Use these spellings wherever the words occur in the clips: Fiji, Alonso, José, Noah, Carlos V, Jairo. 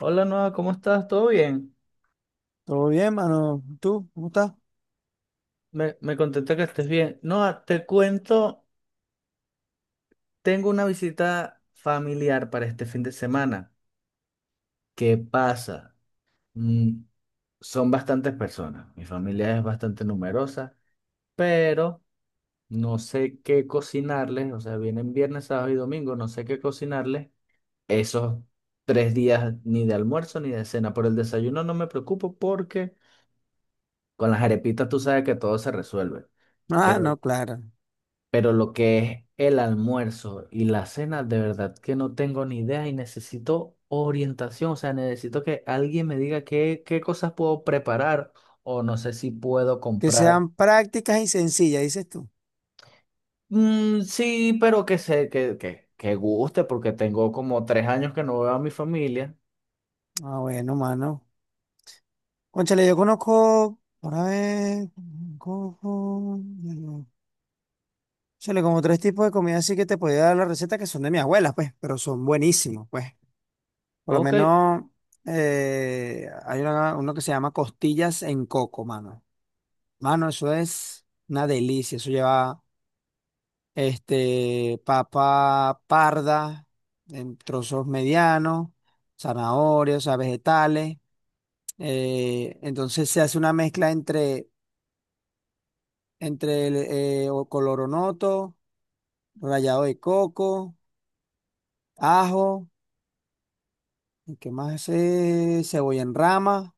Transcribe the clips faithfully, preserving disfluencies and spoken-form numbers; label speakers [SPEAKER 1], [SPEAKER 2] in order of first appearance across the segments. [SPEAKER 1] Hola Noah, ¿cómo estás? ¿Todo bien?
[SPEAKER 2] Todo bien, mano. ¿Tú? ¿Cómo estás?
[SPEAKER 1] Me, me contenta que estés bien. Noah, te cuento, tengo una visita familiar para este fin de semana. ¿Qué pasa? Mm, son bastantes personas. Mi familia es bastante numerosa, pero no sé qué cocinarles. O sea, vienen viernes, sábado y domingo, no sé qué cocinarles esos tres días ni de almuerzo ni de cena. Por el desayuno no me preocupo porque con las arepitas tú sabes que todo se resuelve.
[SPEAKER 2] Ah, no,
[SPEAKER 1] Pero
[SPEAKER 2] claro.
[SPEAKER 1] Pero lo que es el almuerzo y la cena, de verdad que no tengo ni idea y necesito orientación. O sea, necesito que alguien me diga qué, qué cosas puedo preparar o no sé si puedo
[SPEAKER 2] Que
[SPEAKER 1] comprar.
[SPEAKER 2] sean prácticas y sencillas, dices tú.
[SPEAKER 1] Mm, sí, pero que sé, que, que, que guste porque tengo como tres años que no veo a mi familia.
[SPEAKER 2] Ah, bueno, mano. Cónchale, yo conozco, para ver, conozco, cónchale como tres tipos de comida así que te podía dar la receta que son de mi abuela, pues, pero son buenísimos, pues. Por lo
[SPEAKER 1] Ok.
[SPEAKER 2] menos eh, hay una- uno que se llama costillas en coco, mano. Mano, eso es una delicia. Eso lleva este, papa parda en trozos medianos, zanahorias, o sea, vegetales. Eh, entonces se hace una mezcla entre, entre el eh, o- coloronoto, rallado de coco, ajo, ¿y ¿qué más es? Cebolla en rama,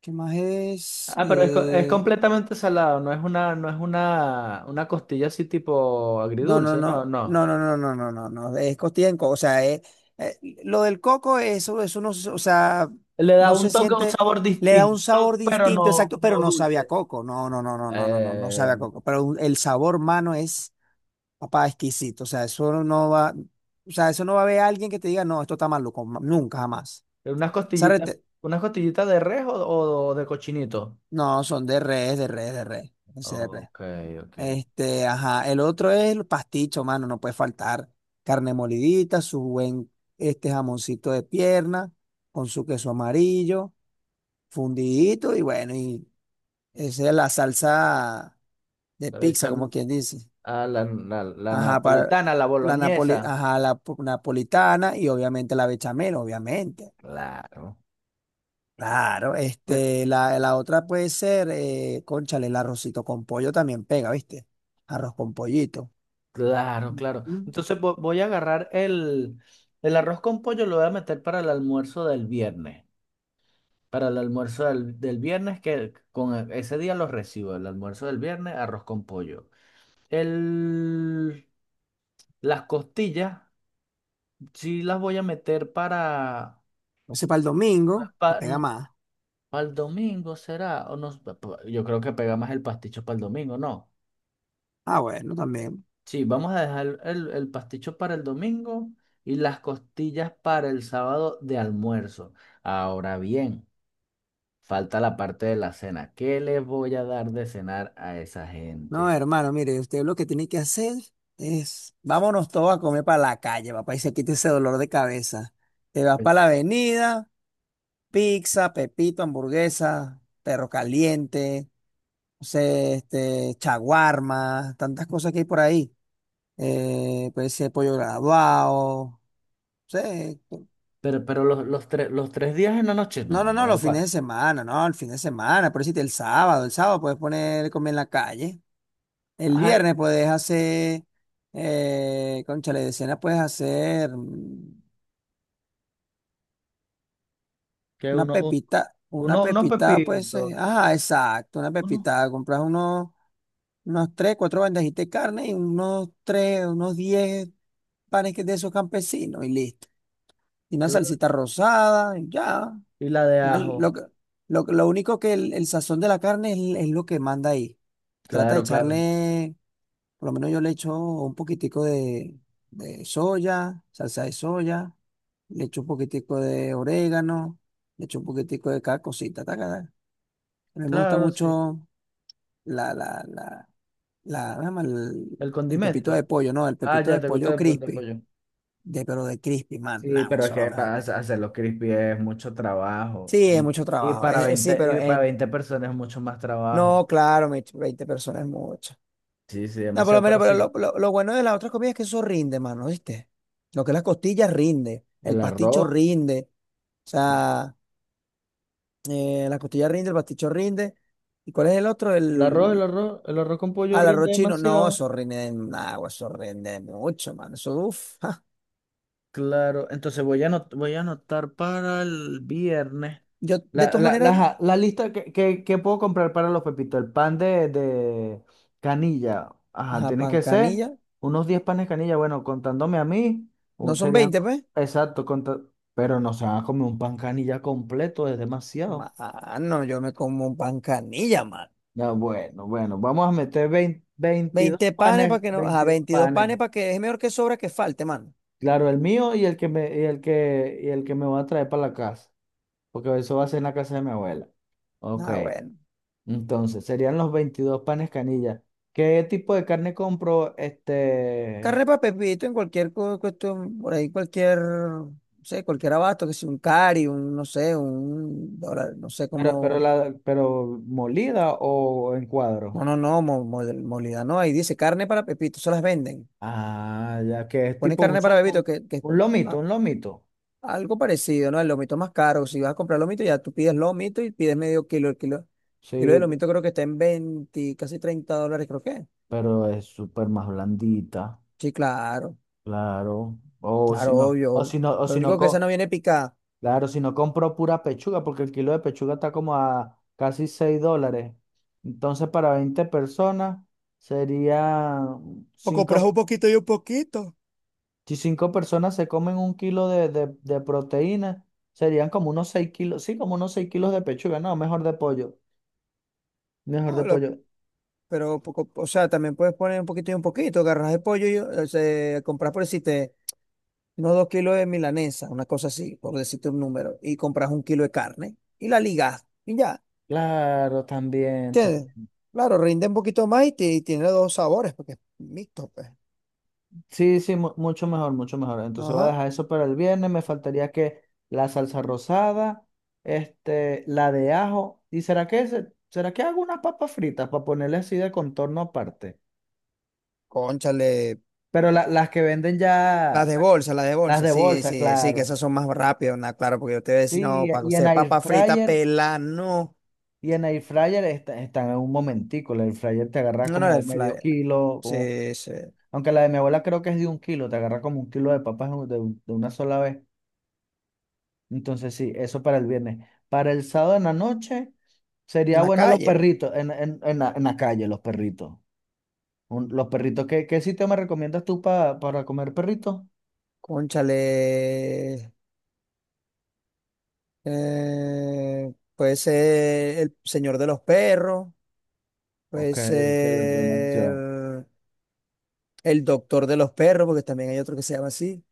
[SPEAKER 2] ¿qué más es?
[SPEAKER 1] Ah, pero es, co- es
[SPEAKER 2] Eh,
[SPEAKER 1] completamente salado, no es una, no es una, una costilla así tipo
[SPEAKER 2] No, no,
[SPEAKER 1] agridulce, no,
[SPEAKER 2] no,
[SPEAKER 1] no.
[SPEAKER 2] no, no, no, no, no, no, no, es costilla en coco, o sea, es- eh, lo del coco, eso, eso no, se- o sea,
[SPEAKER 1] Le da
[SPEAKER 2] no
[SPEAKER 1] un
[SPEAKER 2] se
[SPEAKER 1] toque, un
[SPEAKER 2] siente,
[SPEAKER 1] sabor
[SPEAKER 2] le da un
[SPEAKER 1] distinto,
[SPEAKER 2] sabor
[SPEAKER 1] pero
[SPEAKER 2] distinto,
[SPEAKER 1] no,
[SPEAKER 2] exacto, pero
[SPEAKER 1] no
[SPEAKER 2] no sabe a
[SPEAKER 1] dulce.
[SPEAKER 2] coco, no, no, no, no, no, no, no, no
[SPEAKER 1] Eh,
[SPEAKER 2] sabe a coco, pero un- el sabor, mano, es, papá, exquisito, o sea, eso no va, o sea, eso no va a haber alguien que te diga, no, esto está maluco, ma- nunca, jamás.
[SPEAKER 1] Unas
[SPEAKER 2] Esa
[SPEAKER 1] costillitas,
[SPEAKER 2] rete-
[SPEAKER 1] unas costillitas de res o, o de cochinito.
[SPEAKER 2] no, son de res, de res, de res, ese de res.
[SPEAKER 1] Ok, ok.
[SPEAKER 2] Este, ajá. El otro es el pasticho, mano, no puede faltar. Carne molidita, su buen este jamoncito de pierna, con su queso amarillo, fundidito, y bueno, y esa es la salsa de
[SPEAKER 1] Le
[SPEAKER 2] pizza,
[SPEAKER 1] echan
[SPEAKER 2] como quien dice.
[SPEAKER 1] a la, la, la
[SPEAKER 2] Ajá, para
[SPEAKER 1] napolitana, la
[SPEAKER 2] la
[SPEAKER 1] boloñesa.
[SPEAKER 2] napoli- ajá, la po- napolitana y obviamente la bechamel, obviamente.
[SPEAKER 1] Claro.
[SPEAKER 2] Claro,
[SPEAKER 1] Eh,
[SPEAKER 2] este, la, la otra puede ser, eh, cónchale, el arrocito con pollo también pega, ¿viste? Arroz con pollito.
[SPEAKER 1] Claro, claro.
[SPEAKER 2] Mm.
[SPEAKER 1] Entonces vo- voy a agarrar el, el arroz con pollo, lo voy a meter para el almuerzo del viernes. Para el almuerzo del, del viernes, que con e- ese día los recibo. El almuerzo del viernes, arroz con pollo. El, las costillas. Sí las voy a meter para,
[SPEAKER 2] No sé, para el domingo, que pega
[SPEAKER 1] para,
[SPEAKER 2] más.
[SPEAKER 1] el domingo, ¿será? O no, pa- pa- yo creo que pega más el pasticho para el domingo, ¿no?
[SPEAKER 2] Ah, bueno, también.
[SPEAKER 1] Sí, vamos a dejar el, el pasticho para el domingo y las costillas para el sábado de almuerzo. Ahora bien, falta la parte de la cena. ¿Qué les voy a dar de cenar a esa
[SPEAKER 2] No,
[SPEAKER 1] gente?
[SPEAKER 2] hermano, mire, usted lo que tiene que hacer es, vámonos todos a comer para la calle, papá, y se quita ese dolor de cabeza. Te vas
[SPEAKER 1] Eh,
[SPEAKER 2] para la avenida, pizza, pepito, hamburguesa, perro caliente, no sé, este, chaguarma, tantas cosas que hay por ahí. Eh, puede ser pollo graduado, no sé.
[SPEAKER 1] Pero, pero los, los, tres los tres días en la noche,
[SPEAKER 2] No, no,
[SPEAKER 1] no.
[SPEAKER 2] no, los fines
[SPEAKER 1] cua-
[SPEAKER 2] de semana, no, el fin de semana, por decirte, el sábado, el sábado puedes poner comer en la calle. El
[SPEAKER 1] Ay,
[SPEAKER 2] viernes puedes hacer, eh, cónchale, de cena puedes hacer mm,
[SPEAKER 1] que
[SPEAKER 2] una
[SPEAKER 1] uno,
[SPEAKER 2] pepita, una
[SPEAKER 1] uno, unos
[SPEAKER 2] pepita, pues, eh,
[SPEAKER 1] pepitos,
[SPEAKER 2] ajá, exacto, una
[SPEAKER 1] uno,
[SPEAKER 2] pepita. Compras unos, unos tres, cuatro bandejitas de carne y unos tres, unos diez panes que- de esos campesinos y listo. Y una
[SPEAKER 1] claro,
[SPEAKER 2] salsita rosada y ya.
[SPEAKER 1] y la de
[SPEAKER 2] Al- Lo,
[SPEAKER 1] ajo.
[SPEAKER 2] que- lo, que- lo único que el, el sazón de la carne es, es lo que manda ahí. Trata de
[SPEAKER 1] Claro, claro.
[SPEAKER 2] echarle. Por lo menos yo le echo un poquitico de, de soya, salsa de soya, le echo un poquitico de orégano, le echo un poquitico de cada cosita. Taca, taca. A mí me gusta
[SPEAKER 1] Claro, sí.
[SPEAKER 2] mucho la, la, la, la, ¿cómo se llama?
[SPEAKER 1] El
[SPEAKER 2] el, el pepito
[SPEAKER 1] condimento.
[SPEAKER 2] de pollo, ¿no? El
[SPEAKER 1] Ah,
[SPEAKER 2] pepito
[SPEAKER 1] ya,
[SPEAKER 2] de
[SPEAKER 1] te gusta
[SPEAKER 2] pollo
[SPEAKER 1] de, po- de
[SPEAKER 2] crispy,
[SPEAKER 1] pollo.
[SPEAKER 2] de, pero de crispy, man, no,
[SPEAKER 1] Sí, pero es
[SPEAKER 2] eso es lo
[SPEAKER 1] que
[SPEAKER 2] mejor
[SPEAKER 1] para
[SPEAKER 2] que hay.
[SPEAKER 1] hacer- hacerlo crispy es mucho trabajo.
[SPEAKER 2] Sí, es
[SPEAKER 1] Em,
[SPEAKER 2] mucho
[SPEAKER 1] Y
[SPEAKER 2] trabajo,
[SPEAKER 1] para
[SPEAKER 2] es- es- sí,
[SPEAKER 1] veinte
[SPEAKER 2] pero
[SPEAKER 1] y para
[SPEAKER 2] eh, eh,
[SPEAKER 1] veinte personas es mucho más trabajo.
[SPEAKER 2] no, claro, me- veinte personas es mucho.
[SPEAKER 1] Sí, sí,
[SPEAKER 2] No, por lo
[SPEAKER 1] demasiado,
[SPEAKER 2] menos,
[SPEAKER 1] pero
[SPEAKER 2] pero
[SPEAKER 1] sí.
[SPEAKER 2] lo, lo- lo bueno de las otras comidas es que eso rinde, mano, ¿viste? Lo que es las costillas rinde, el
[SPEAKER 1] El
[SPEAKER 2] pasticho
[SPEAKER 1] arroz,
[SPEAKER 2] rinde, o sea, eh, la costilla rinde, el pasticho rinde. ¿Y cuál es el otro?
[SPEAKER 1] el arroz, el
[SPEAKER 2] El...
[SPEAKER 1] arroz, el arroz con pollo
[SPEAKER 2] Ah, el arroz
[SPEAKER 1] rinde
[SPEAKER 2] chino. No,
[SPEAKER 1] demasiado.
[SPEAKER 2] eso rinde en agua, eso rinde mucho, mano. Eso, uff.
[SPEAKER 1] Claro, entonces voy a anot- voy a anotar para el viernes
[SPEAKER 2] Yo, de
[SPEAKER 1] la,
[SPEAKER 2] todas
[SPEAKER 1] la, la,
[SPEAKER 2] maneras,
[SPEAKER 1] ajá, la lista que, que, que puedo comprar para los pepitos. El pan de, de canilla. Ajá,
[SPEAKER 2] ajá,
[SPEAKER 1] tiene
[SPEAKER 2] pan
[SPEAKER 1] que ser
[SPEAKER 2] canilla,
[SPEAKER 1] unos diez panes de canilla. Bueno, contándome a mí,
[SPEAKER 2] no
[SPEAKER 1] un-
[SPEAKER 2] son
[SPEAKER 1] serían...
[SPEAKER 2] veinte pues.
[SPEAKER 1] Exacto, conta- pero no se van a comer un pan canilla completo, es demasiado.
[SPEAKER 2] Mano, yo me como un pan canilla, mano.
[SPEAKER 1] Ya, bueno, bueno, vamos a meter veinte veintidós
[SPEAKER 2] Veinte panes
[SPEAKER 1] panes,
[SPEAKER 2] para que no, a
[SPEAKER 1] veintidós
[SPEAKER 2] veintidós
[SPEAKER 1] panes.
[SPEAKER 2] panes para que es mejor que sobra que falte, mano.
[SPEAKER 1] Claro, el mío y el que me, y el que, y el que me va a traer para la casa, porque eso va a ser en la casa de mi abuela. Ok,
[SPEAKER 2] Ah, bueno.
[SPEAKER 1] entonces serían los veintidós panes canilla. ¿Qué tipo de carne compro? Este,
[SPEAKER 2] Carrepa Pepito en cualquier cu- cuestión, por ahí cualquier, no sé, cualquier abasto, que sea un cari, un, no sé, un dólar, no sé
[SPEAKER 1] pero, pero,
[SPEAKER 2] cómo,
[SPEAKER 1] la, pero molida o en cuadro.
[SPEAKER 2] no, no, no, mo- mo- molida, no, ahí dice carne para Pepito, se las venden.
[SPEAKER 1] Ah, ya que es
[SPEAKER 2] Ponen
[SPEAKER 1] tipo un,
[SPEAKER 2] carne para
[SPEAKER 1] sol-
[SPEAKER 2] Pepito,
[SPEAKER 1] un,
[SPEAKER 2] que, que es
[SPEAKER 1] un
[SPEAKER 2] como
[SPEAKER 1] lomito,
[SPEAKER 2] a-
[SPEAKER 1] un lomito.
[SPEAKER 2] algo parecido, ¿no? El lomito es más caro, si vas a comprar lomito, ya tú pides lomito y pides medio kilo, el kilo, kilo
[SPEAKER 1] Sí,
[SPEAKER 2] de
[SPEAKER 1] pe-
[SPEAKER 2] lomito creo que está en veinte, casi treinta dólares, creo que.
[SPEAKER 1] pero es súper más blandita,
[SPEAKER 2] Sí, claro,
[SPEAKER 1] claro. O si
[SPEAKER 2] claro,
[SPEAKER 1] no,
[SPEAKER 2] obvio,
[SPEAKER 1] o
[SPEAKER 2] obvio.
[SPEAKER 1] si no, o
[SPEAKER 2] Lo
[SPEAKER 1] si no,
[SPEAKER 2] único que esa no
[SPEAKER 1] co-
[SPEAKER 2] viene picada.
[SPEAKER 1] Claro, si no compro pura pechuga, porque el kilo de pechuga está como a casi seis dólares. Entonces, para veinte personas sería
[SPEAKER 2] O compras un
[SPEAKER 1] cinco,
[SPEAKER 2] poquito y un poquito.
[SPEAKER 1] si cinco personas se comen un kilo de, de, de proteína, serían como unos seis kilos, sí, como unos seis kilos de pechuga, no, mejor de pollo, mejor de
[SPEAKER 2] No.
[SPEAKER 1] pollo.
[SPEAKER 2] Pero, poco, o sea, también puedes poner un poquito y un poquito. Agarras el pollo y o sea, compras por decirte unos dos kilos de milanesa, una cosa así, por decirte un número, y compras un kilo de carne y la ligas y ya.
[SPEAKER 1] Claro, también.
[SPEAKER 2] ¿Entiendes? Claro, rinde un poquito más y, ti- tiene dos sabores porque es mixto, pues.
[SPEAKER 1] Sí, sí, mu- mucho mejor, mucho mejor. Entonces voy a
[SPEAKER 2] Ajá.
[SPEAKER 1] dejar eso para el viernes. Me faltaría que la salsa rosada, este, la de ajo. ¿Y será que se- será que hago unas papas fritas para ponerle así de contorno aparte?
[SPEAKER 2] Cónchale.
[SPEAKER 1] Pero la- las que venden
[SPEAKER 2] Las
[SPEAKER 1] ya,
[SPEAKER 2] de
[SPEAKER 1] la-
[SPEAKER 2] bolsa, las de
[SPEAKER 1] las
[SPEAKER 2] bolsa,
[SPEAKER 1] de
[SPEAKER 2] sí,
[SPEAKER 1] bolsa,
[SPEAKER 2] sí, sí, que
[SPEAKER 1] claro.
[SPEAKER 2] esas son más rápidas, nah, claro, porque yo te voy a decir,
[SPEAKER 1] Sí,
[SPEAKER 2] no, para
[SPEAKER 1] y en
[SPEAKER 2] hacer
[SPEAKER 1] air
[SPEAKER 2] papa frita,
[SPEAKER 1] fryer,
[SPEAKER 2] pela, no.
[SPEAKER 1] y en air fryer está- están en un momentico. El air fryer te agarras
[SPEAKER 2] No, no era
[SPEAKER 1] como
[SPEAKER 2] el
[SPEAKER 1] medio
[SPEAKER 2] flyer.
[SPEAKER 1] kilo, como-
[SPEAKER 2] Sí, sí. En
[SPEAKER 1] aunque la de mi abuela creo que es de un kilo, te agarras como un kilo de papas de, un- de una sola vez. Entonces, sí, eso para el viernes. Para el sábado en la noche, sería
[SPEAKER 2] la
[SPEAKER 1] bueno los
[SPEAKER 2] calle.
[SPEAKER 1] perritos en, en, en la, en la calle, los perritos. Un- los perritos, ¿qué, qué sitio me recomiendas tú pa- para comer perritos?
[SPEAKER 2] Cónchale, eh, puede ser el señor de los perros, puede
[SPEAKER 1] Ok, ok, buena
[SPEAKER 2] ser
[SPEAKER 1] opción.
[SPEAKER 2] el doctor de los perros, porque también hay otro que se llama así.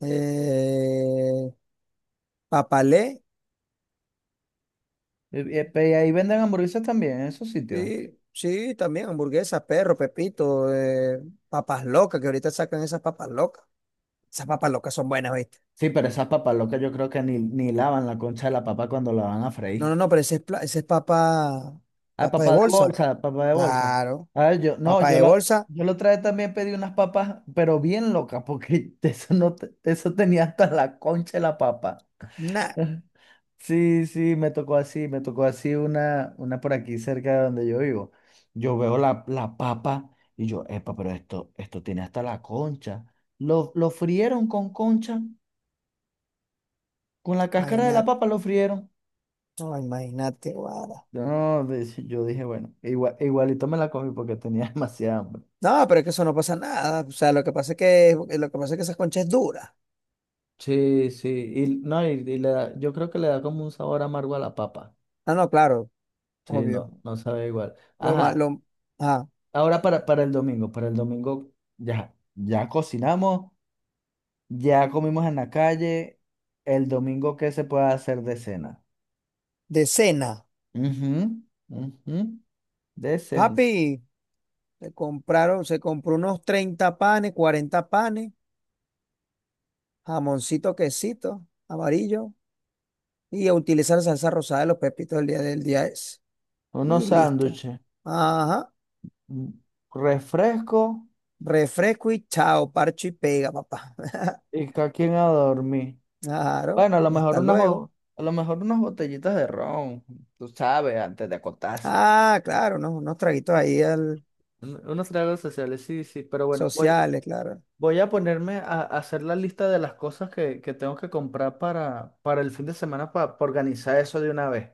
[SPEAKER 2] Eh, Papalé,
[SPEAKER 1] Y, y- y ahí venden hamburguesas también, en esos sitios.
[SPEAKER 2] sí, sí, también hamburguesas, perro, Pepito, eh, papas locas, que ahorita sacan esas papas locas. Esas papas locas son buenas, ¿viste?
[SPEAKER 1] Sí, pero esas papas locas yo creo que ni, ni lavan la concha de la papa cuando la van a
[SPEAKER 2] No,
[SPEAKER 1] freír.
[SPEAKER 2] no, no, pero ese es, pla- ese es papa,
[SPEAKER 1] Ah,
[SPEAKER 2] papa de
[SPEAKER 1] papá de
[SPEAKER 2] bolsa.
[SPEAKER 1] bolsa, papá de bolsa.
[SPEAKER 2] Claro,
[SPEAKER 1] A ver, yo, no,
[SPEAKER 2] papa
[SPEAKER 1] yo
[SPEAKER 2] de
[SPEAKER 1] la,
[SPEAKER 2] bolsa,
[SPEAKER 1] yo la otra vez también pedí unas papas, pero bien locas, porque eso no, te- eso tenía hasta la concha de la papa. Sí, sí, me tocó así, me tocó así una, una por aquí cerca de donde yo vivo. Yo veo la, la papa y yo, epa, pero esto, esto tiene hasta la concha. Lo, lo frieron con concha, con la cáscara de la
[SPEAKER 2] nada.
[SPEAKER 1] papa lo frieron.
[SPEAKER 2] No, imagínate, guada.
[SPEAKER 1] Yo, No, de- yo dije, bueno, igual, igualito me la comí porque tenía demasiada hambre.
[SPEAKER 2] No, pero es que eso no pasa nada. O sea, lo que pasa es que, lo que pasa es que esa concha es dura.
[SPEAKER 1] Sí, sí, y, no, y, y le da- yo creo que le da como un sabor amargo a la papa.
[SPEAKER 2] Ah, no, claro,
[SPEAKER 1] Sí, no,
[SPEAKER 2] obvio.
[SPEAKER 1] no sabe igual.
[SPEAKER 2] Lo más,
[SPEAKER 1] Ajá,
[SPEAKER 2] lo, ah,
[SPEAKER 1] ahora para, para el domingo, para el domingo ya, ya cocinamos, ya comimos en la calle. El domingo, ¿qué se puede hacer de cena?
[SPEAKER 2] de cena.
[SPEAKER 1] Ujú, ujú. De cena.
[SPEAKER 2] Papi, se compraron, se compró unos treinta panes, cuarenta panes, jamoncito, quesito, amarillo, y a utilizar salsa rosada de los pepitos del día del día ese.
[SPEAKER 1] Unos
[SPEAKER 2] Y listo.
[SPEAKER 1] sándwiches,
[SPEAKER 2] Ajá.
[SPEAKER 1] un refresco
[SPEAKER 2] Refresco y chao, parcho y pega, papá.
[SPEAKER 1] y cada quien a dormir.
[SPEAKER 2] Claro,
[SPEAKER 1] Bueno, a lo
[SPEAKER 2] y
[SPEAKER 1] mejor
[SPEAKER 2] hasta
[SPEAKER 1] unas,
[SPEAKER 2] luego.
[SPEAKER 1] bo- a lo mejor unas botellitas de ron, tú sabes, antes de acostarse.
[SPEAKER 2] Ah, claro, ¿no? Unos traguitos ahí.
[SPEAKER 1] Un- Unos tragos sociales, sí, sí, pero bueno, voy,
[SPEAKER 2] Sociales, claro.
[SPEAKER 1] voy a ponerme a, a hacer la lista de las cosas que, que tengo que comprar para, para el fin de semana para, organizar eso de una vez.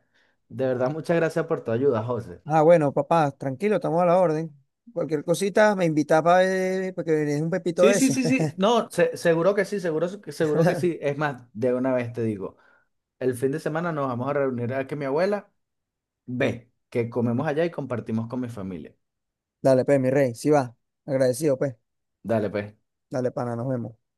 [SPEAKER 1] De verdad, muchas gracias por tu ayuda, José.
[SPEAKER 2] Ah, bueno, papá, tranquilo, estamos a la orden. Cualquier cosita me invita para ver, porque es un pepito
[SPEAKER 1] Sí,
[SPEAKER 2] de
[SPEAKER 1] sí,
[SPEAKER 2] eso.
[SPEAKER 1] sí, sí. No, se- seguro que sí, seguro, que- seguro que sí. Es más, de una vez te digo, el fin de semana nos vamos a reunir a que mi abuela ve, que comemos allá y compartimos con mi familia.
[SPEAKER 2] Dale, pues, mi rey, sí va. Agradecido, pues.
[SPEAKER 1] Dale, pues.
[SPEAKER 2] Dale, pana, nos vemos.